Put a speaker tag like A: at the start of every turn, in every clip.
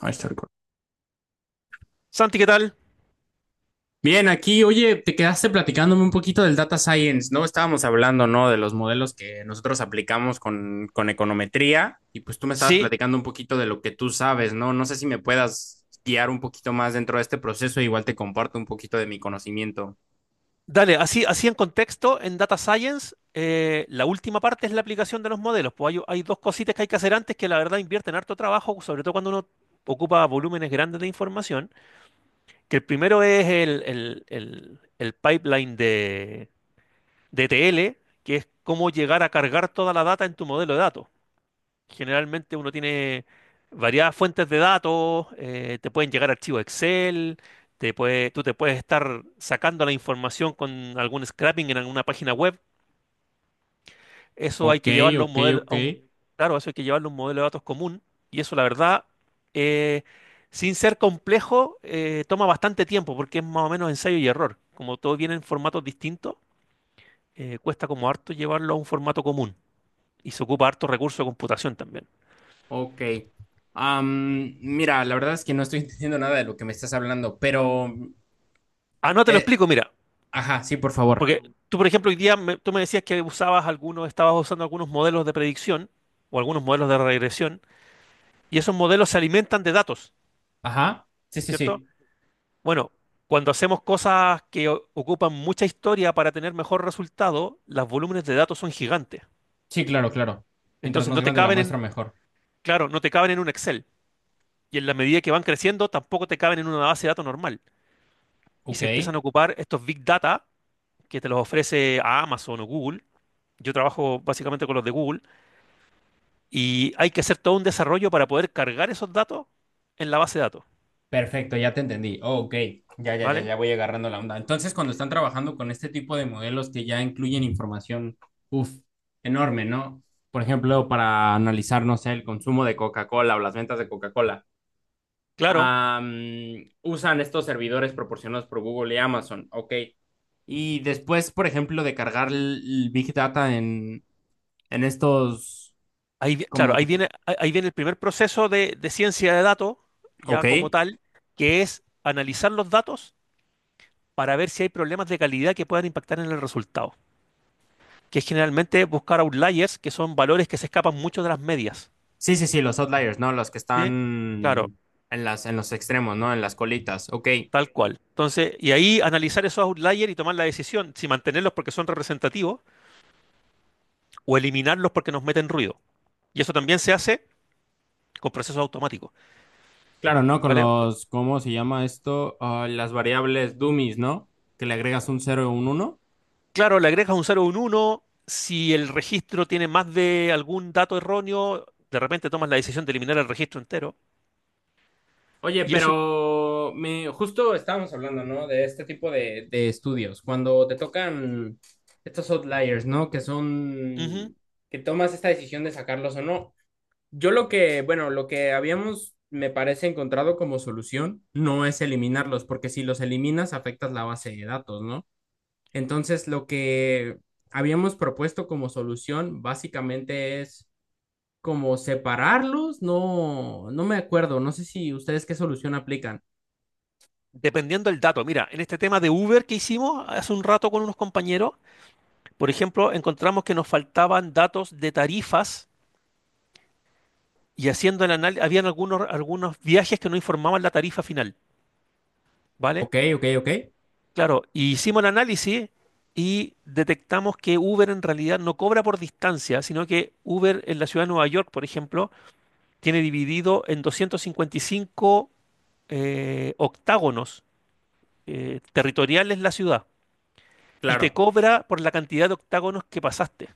A: Ahí está el cor-
B: Santi, ¿qué tal?
A: Bien, aquí, oye, te quedaste platicándome un poquito del data science, ¿no? Estábamos hablando, ¿no? De los modelos que nosotros aplicamos con econometría y pues tú me estabas
B: Sí,
A: platicando un poquito de lo que tú sabes, ¿no? No sé si me puedas guiar un poquito más dentro de este proceso, igual te comparto un poquito de mi conocimiento.
B: dale, así en contexto, en Data Science, la última parte es la aplicación de los modelos. Pues hay dos cositas que hay que hacer antes que la verdad invierten harto trabajo, sobre todo cuando uno ocupa volúmenes grandes de información, que el primero es el pipeline de ETL, que es cómo llegar a cargar toda la data en tu modelo de datos. Generalmente uno tiene variadas fuentes de datos, te pueden llegar archivos Excel, tú te puedes estar sacando la información con algún scrapping en alguna página web. Eso hay
A: Ok,
B: que llevarlo a un
A: ok,
B: modelo,
A: ok.
B: claro, eso hay que llevarlo a un modelo de datos común. Y eso, la verdad, eh, sin ser complejo, toma bastante tiempo porque es más o menos ensayo y error. Como todo viene en formatos distintos, cuesta como harto llevarlo a un formato común. Y se ocupa harto recurso de computación también.
A: Ok. Mira, la verdad es que no estoy entendiendo nada de lo que me estás hablando, pero...
B: Ah, no te lo
A: eh,
B: explico, mira.
A: ajá, sí, por favor.
B: Porque tú, por ejemplo, tú me decías que usabas algunos, estabas usando algunos modelos de predicción o algunos modelos de regresión, y esos modelos se alimentan de datos,
A: Ajá. Sí, sí,
B: ¿cierto?
A: sí.
B: Bueno, cuando hacemos cosas que ocupan mucha historia para tener mejor resultado, los volúmenes de datos son gigantes.
A: Sí, claro, claro. Mientras
B: Entonces
A: más
B: no te
A: grande la
B: caben en,
A: muestra, mejor.
B: claro, no te caben en un Excel. Y en la medida que van creciendo, tampoco te caben en una base de datos normal. Y
A: Ok,
B: se empiezan a ocupar estos big data que te los ofrece a Amazon o Google. Yo trabajo básicamente con los de Google. Y hay que hacer todo un desarrollo para poder cargar esos datos en la base de datos,
A: perfecto, ya te entendí. Oh, ok, ya, ya, ya,
B: ¿vale?
A: ya voy agarrando la onda. Entonces, cuando están trabajando con este tipo de modelos que ya incluyen información, uff, enorme, ¿no? Por ejemplo, para analizar, no sé, el consumo de Coca-Cola o las ventas de Coca-Cola,
B: Claro,
A: usan estos servidores proporcionados por Google y Amazon. Ok. Y después, por ejemplo, de cargar el Big Data en estos,
B: claro,
A: como,
B: ahí
A: te-
B: viene, ahí viene el primer proceso de ciencia de datos,
A: ok.
B: ya como tal, que es analizar los datos para ver si hay problemas de calidad que puedan impactar en el resultado, que es generalmente buscar outliers, que son valores que se escapan mucho de las medias.
A: Sí, sí, sí, los outliers, ¿no? Los que
B: ¿Sí? Claro,
A: están en las, en los extremos, ¿no? En las colitas. Ok.
B: tal cual. Entonces, y ahí analizar esos outliers y tomar la decisión si mantenerlos porque son representativos o eliminarlos porque nos meten ruido. Y eso también se hace con procesos automáticos,
A: Claro, ¿no? Con
B: ¿vale?
A: los, ¿cómo se llama esto? Ah, las variables dummies, ¿no? Que le agregas un cero y un uno.
B: Claro, le agregas un cero, o un uno. Si el registro tiene más de algún dato erróneo, de repente tomas la decisión de eliminar el registro entero,
A: Oye,
B: y eso,
A: pero me, justo estábamos hablando, ¿no? De este tipo de estudios. Cuando te tocan estos outliers, ¿no? Que
B: ujú,
A: son, que tomas esta decisión de sacarlos o no. Yo lo que, bueno, lo que habíamos, me parece, encontrado como solución no es eliminarlos, porque si los eliminas afectas la base de datos, ¿no? Entonces, lo que habíamos propuesto como solución básicamente es como separarlos, no, no me acuerdo, no sé si ustedes qué solución aplican.
B: dependiendo del dato. Mira, en este tema de Uber que hicimos hace un rato con unos compañeros, por ejemplo, encontramos que nos faltaban datos de tarifas y haciendo el análisis, habían algunos, algunos viajes que no informaban la tarifa final, ¿vale?
A: Ok, ok, ok,
B: Claro, y hicimos el análisis y detectamos que Uber en realidad no cobra por distancia, sino que Uber en la ciudad de Nueva York, por ejemplo, tiene dividido en 255 octágonos territoriales la ciudad y te
A: claro,
B: cobra por la cantidad de octágonos que pasaste.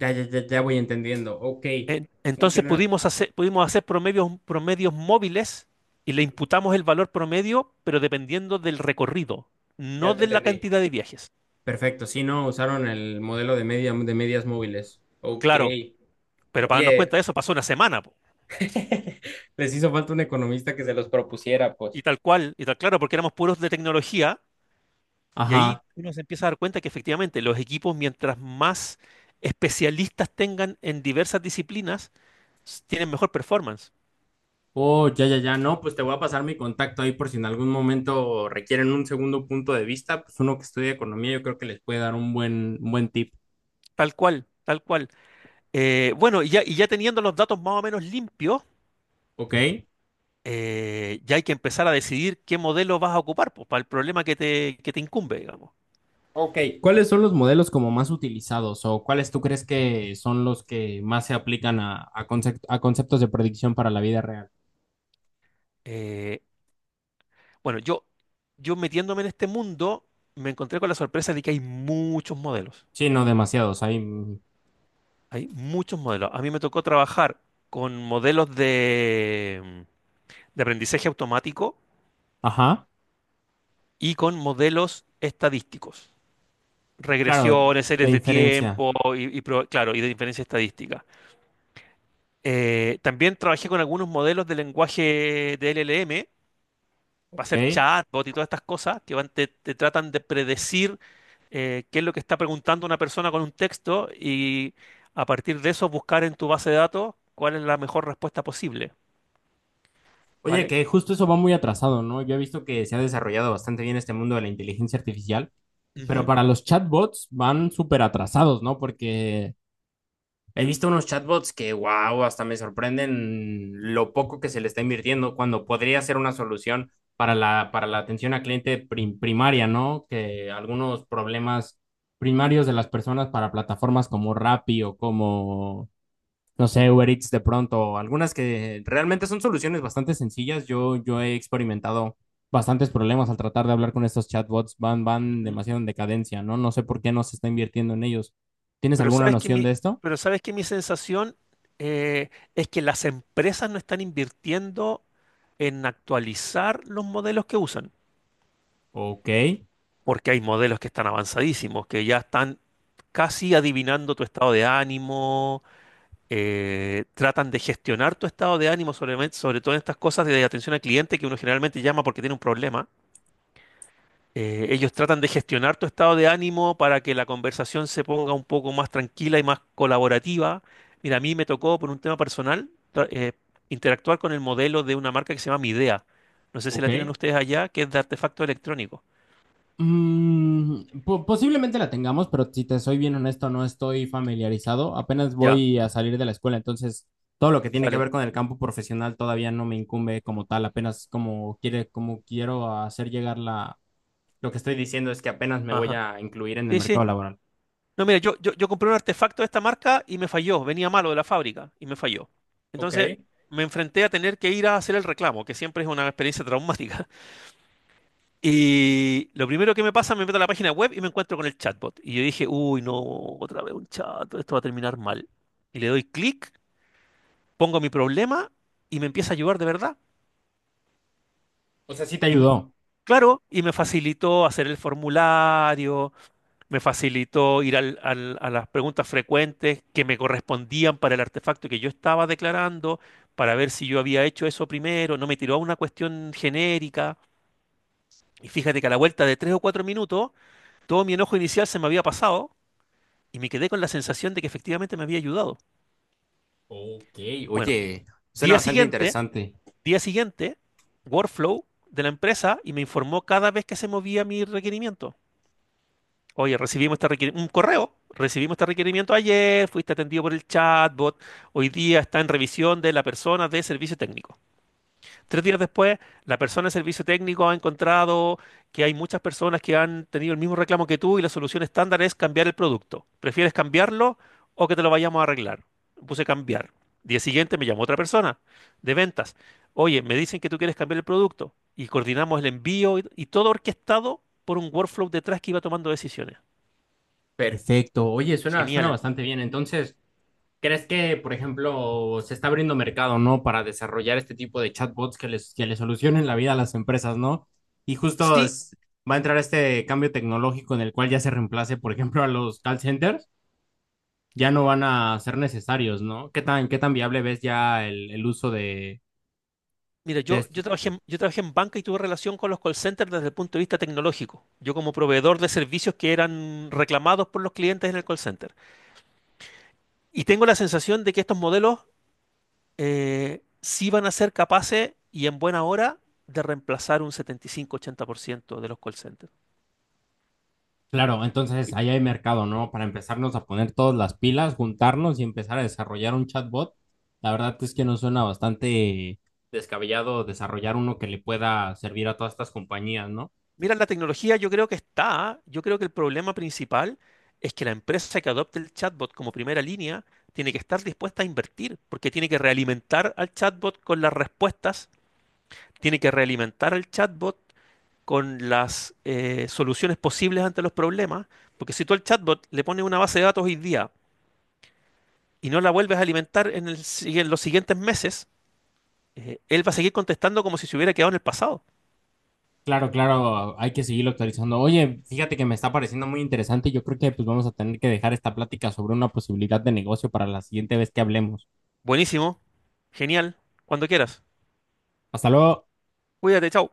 A: ya, ya, ya voy entendiendo, ok,
B: Entonces
A: funciona,
B: pudimos hacer promedios, promedios móviles y le imputamos el valor promedio, pero dependiendo del recorrido, no
A: ya te
B: de la
A: entendí.
B: cantidad de viajes.
A: Perfecto, sí, no, usaron el modelo de media, de medias móviles. Ok.
B: Claro, pero para darnos
A: Oye,
B: cuenta de eso pasó una semana.
A: les hizo falta un economista que se los propusiera, pues.
B: Y tal cual, y tal claro, porque éramos puros de tecnología, y ahí
A: Ajá.
B: uno se empieza a dar cuenta que efectivamente los equipos, mientras más especialistas tengan en diversas disciplinas, tienen mejor performance.
A: Oh, ya, ya, ya. No, pues te voy a pasar mi contacto ahí por si en algún momento requieren un segundo punto de vista. Pues uno que estudia economía, yo creo que les puede dar un buen tip.
B: Tal cual, tal cual. Bueno, y ya teniendo los datos más o menos limpios,
A: ¿Ok?
B: ya hay que empezar a decidir qué modelo vas a ocupar, pues, para el problema que te incumbe, digamos.
A: Ok. ¿Cuáles son los modelos como más utilizados o cuáles tú crees que son los que más se aplican a, concep- a conceptos de predicción para la vida real?
B: Eh, bueno, yo metiéndome en este mundo, me encontré con la sorpresa de que hay muchos modelos.
A: Sí, no demasiados. Hay.
B: Hay muchos modelos. A mí me tocó trabajar con modelos de aprendizaje automático
A: Ajá.
B: y con modelos estadísticos.
A: Claro,
B: Regresiones,
A: de
B: series de
A: inferencia.
B: tiempo y claro, y de diferencia estadística. También trabajé con algunos modelos de lenguaje de LLM para hacer
A: Ok.
B: chatbot y todas estas cosas que van, te tratan de predecir qué es lo que está preguntando una persona con un texto y a partir de eso buscar en tu base de datos cuál es la mejor respuesta posible,
A: Oye,
B: ¿vale?
A: que justo eso va muy atrasado, ¿no? Yo he visto que se ha desarrollado bastante bien este mundo de la inteligencia artificial, pero
B: Ujú,
A: para los chatbots van súper atrasados, ¿no? Porque he visto unos chatbots que, wow, hasta me sorprenden lo poco que se le está invirtiendo cuando podría ser una solución para la atención a cliente prim- primaria, ¿no? Que algunos problemas primarios de las personas para plataformas como Rappi o como no sé, Uber Eats de pronto, algunas que realmente son soluciones bastante sencillas. Yo he experimentado bastantes problemas al tratar de hablar con estos chatbots, van, van
B: ujú.
A: demasiado en decadencia, ¿no? No sé por qué no se está invirtiendo en ellos. ¿Tienes
B: Pero
A: alguna
B: sabes que
A: noción de
B: mi,
A: esto?
B: pero sabes que mi sensación eh, es que las empresas no están invirtiendo en actualizar los modelos que usan,
A: Ok,
B: porque hay modelos que están avanzadísimos, que ya están casi adivinando tu estado de ánimo, tratan de gestionar tu estado de ánimo, sobre todo en estas cosas de atención al cliente que uno generalmente llama porque tiene un problema. Ellos tratan de gestionar tu estado de ánimo para que la conversación se ponga un poco más tranquila y más colaborativa. Mira, a mí me tocó por un tema personal interactuar con el modelo de una marca que se llama Midea. No sé si
A: ok.
B: la tienen ustedes allá, que es de artefacto electrónico.
A: Mm, po- posiblemente la tengamos, pero si te soy bien honesto, no estoy familiarizado. Apenas
B: Ya,
A: voy a salir de la escuela, entonces todo lo que tiene que
B: vale.
A: ver con el campo profesional todavía no me incumbe como tal, apenas como quiere, como quiero hacer llegar la, lo que estoy diciendo es que apenas me voy
B: Ajá.
A: a incluir en el
B: Sí,
A: mercado
B: sí.
A: laboral.
B: No, mira, yo compré un artefacto de esta marca y me falló. Venía malo de la fábrica y me falló.
A: Ok.
B: Entonces me enfrenté a tener que ir a hacer el reclamo, que siempre es una experiencia traumática. Y lo primero que me pasa, me meto a la página web y me encuentro con el chatbot. Y yo dije, uy, no, otra vez un chat, esto va a terminar mal. Y le doy clic, pongo mi problema y me empieza a ayudar de verdad.
A: O sea, sí te
B: Y me-
A: ayudó.
B: claro, y me facilitó hacer el formulario, me facilitó ir a las preguntas frecuentes que me correspondían para el artefacto que yo estaba declarando, para ver si yo había hecho eso primero. No me tiró a una cuestión genérica. Y fíjate que a la vuelta de tres o cuatro minutos, todo mi enojo inicial se me había pasado. Y me quedé con la sensación de que efectivamente me había ayudado.
A: Ok.
B: Bueno,
A: Oye, suena
B: día
A: bastante
B: siguiente,
A: interesante.
B: día siguiente, Workflow de la empresa y me informó cada vez que se movía mi requerimiento. Oye, recibimos este requerimiento ayer, fuiste atendido por el chatbot, hoy día está en revisión de la persona de servicio técnico. Tres días después, la persona de servicio técnico ha encontrado que hay muchas personas que han tenido el mismo reclamo que tú y la solución estándar es cambiar el producto. ¿Prefieres cambiarlo o que te lo vayamos a arreglar? Puse cambiar. Día siguiente me llamó otra persona de ventas. Oye, me dicen que tú quieres cambiar el producto y coordinamos el envío y todo orquestado por un workflow detrás que iba tomando decisiones.
A: Perfecto. Oye, suena, suena
B: Genial.
A: bastante bien. Entonces, ¿crees que, por ejemplo, se está abriendo mercado, ¿no? Para desarrollar este tipo de chatbots que les solucionen la vida a las empresas, ¿no? Y justo
B: Sí,
A: es- va a entrar este cambio tecnológico en el cual ya se reemplace, por ejemplo, a los call centers. Ya no van a ser necesarios, ¿no? Qué tan viable ves ya el uso
B: mira,
A: de est-
B: yo trabajé en banca y tuve relación con los call centers desde el punto de vista tecnológico. Yo como proveedor de servicios que eran reclamados por los clientes en el call center. Y tengo la sensación de que estos modelos sí van a ser capaces y en buena hora de reemplazar un 75-80% de los call centers.
A: Claro, entonces
B: Y
A: ahí hay mercado, ¿no? Para empezarnos a poner todas las pilas, juntarnos y empezar a desarrollar un chatbot. La verdad es que nos suena bastante descabellado desarrollar uno que le pueda servir a todas estas compañías, ¿no?
B: mira, la tecnología yo creo que está. Yo creo que el problema principal es que la empresa que adopte el chatbot como primera línea tiene que estar dispuesta a invertir, porque tiene que realimentar al chatbot con las respuestas, tiene que realimentar al chatbot con las soluciones posibles ante los problemas, porque si tú al chatbot le pones una base de datos hoy día y no la vuelves a alimentar en, el si- en los siguientes meses, él va a seguir contestando como si se hubiera quedado en el pasado.
A: Claro, claro, hay que seguirlo actualizando. Oye, fíjate que me está pareciendo muy interesante. Y yo creo que pues vamos a tener que dejar esta plática sobre una posibilidad de negocio para la siguiente vez que hablemos.
B: Buenísimo, genial, cuando quieras.
A: Hasta luego.
B: Cuídate, chao.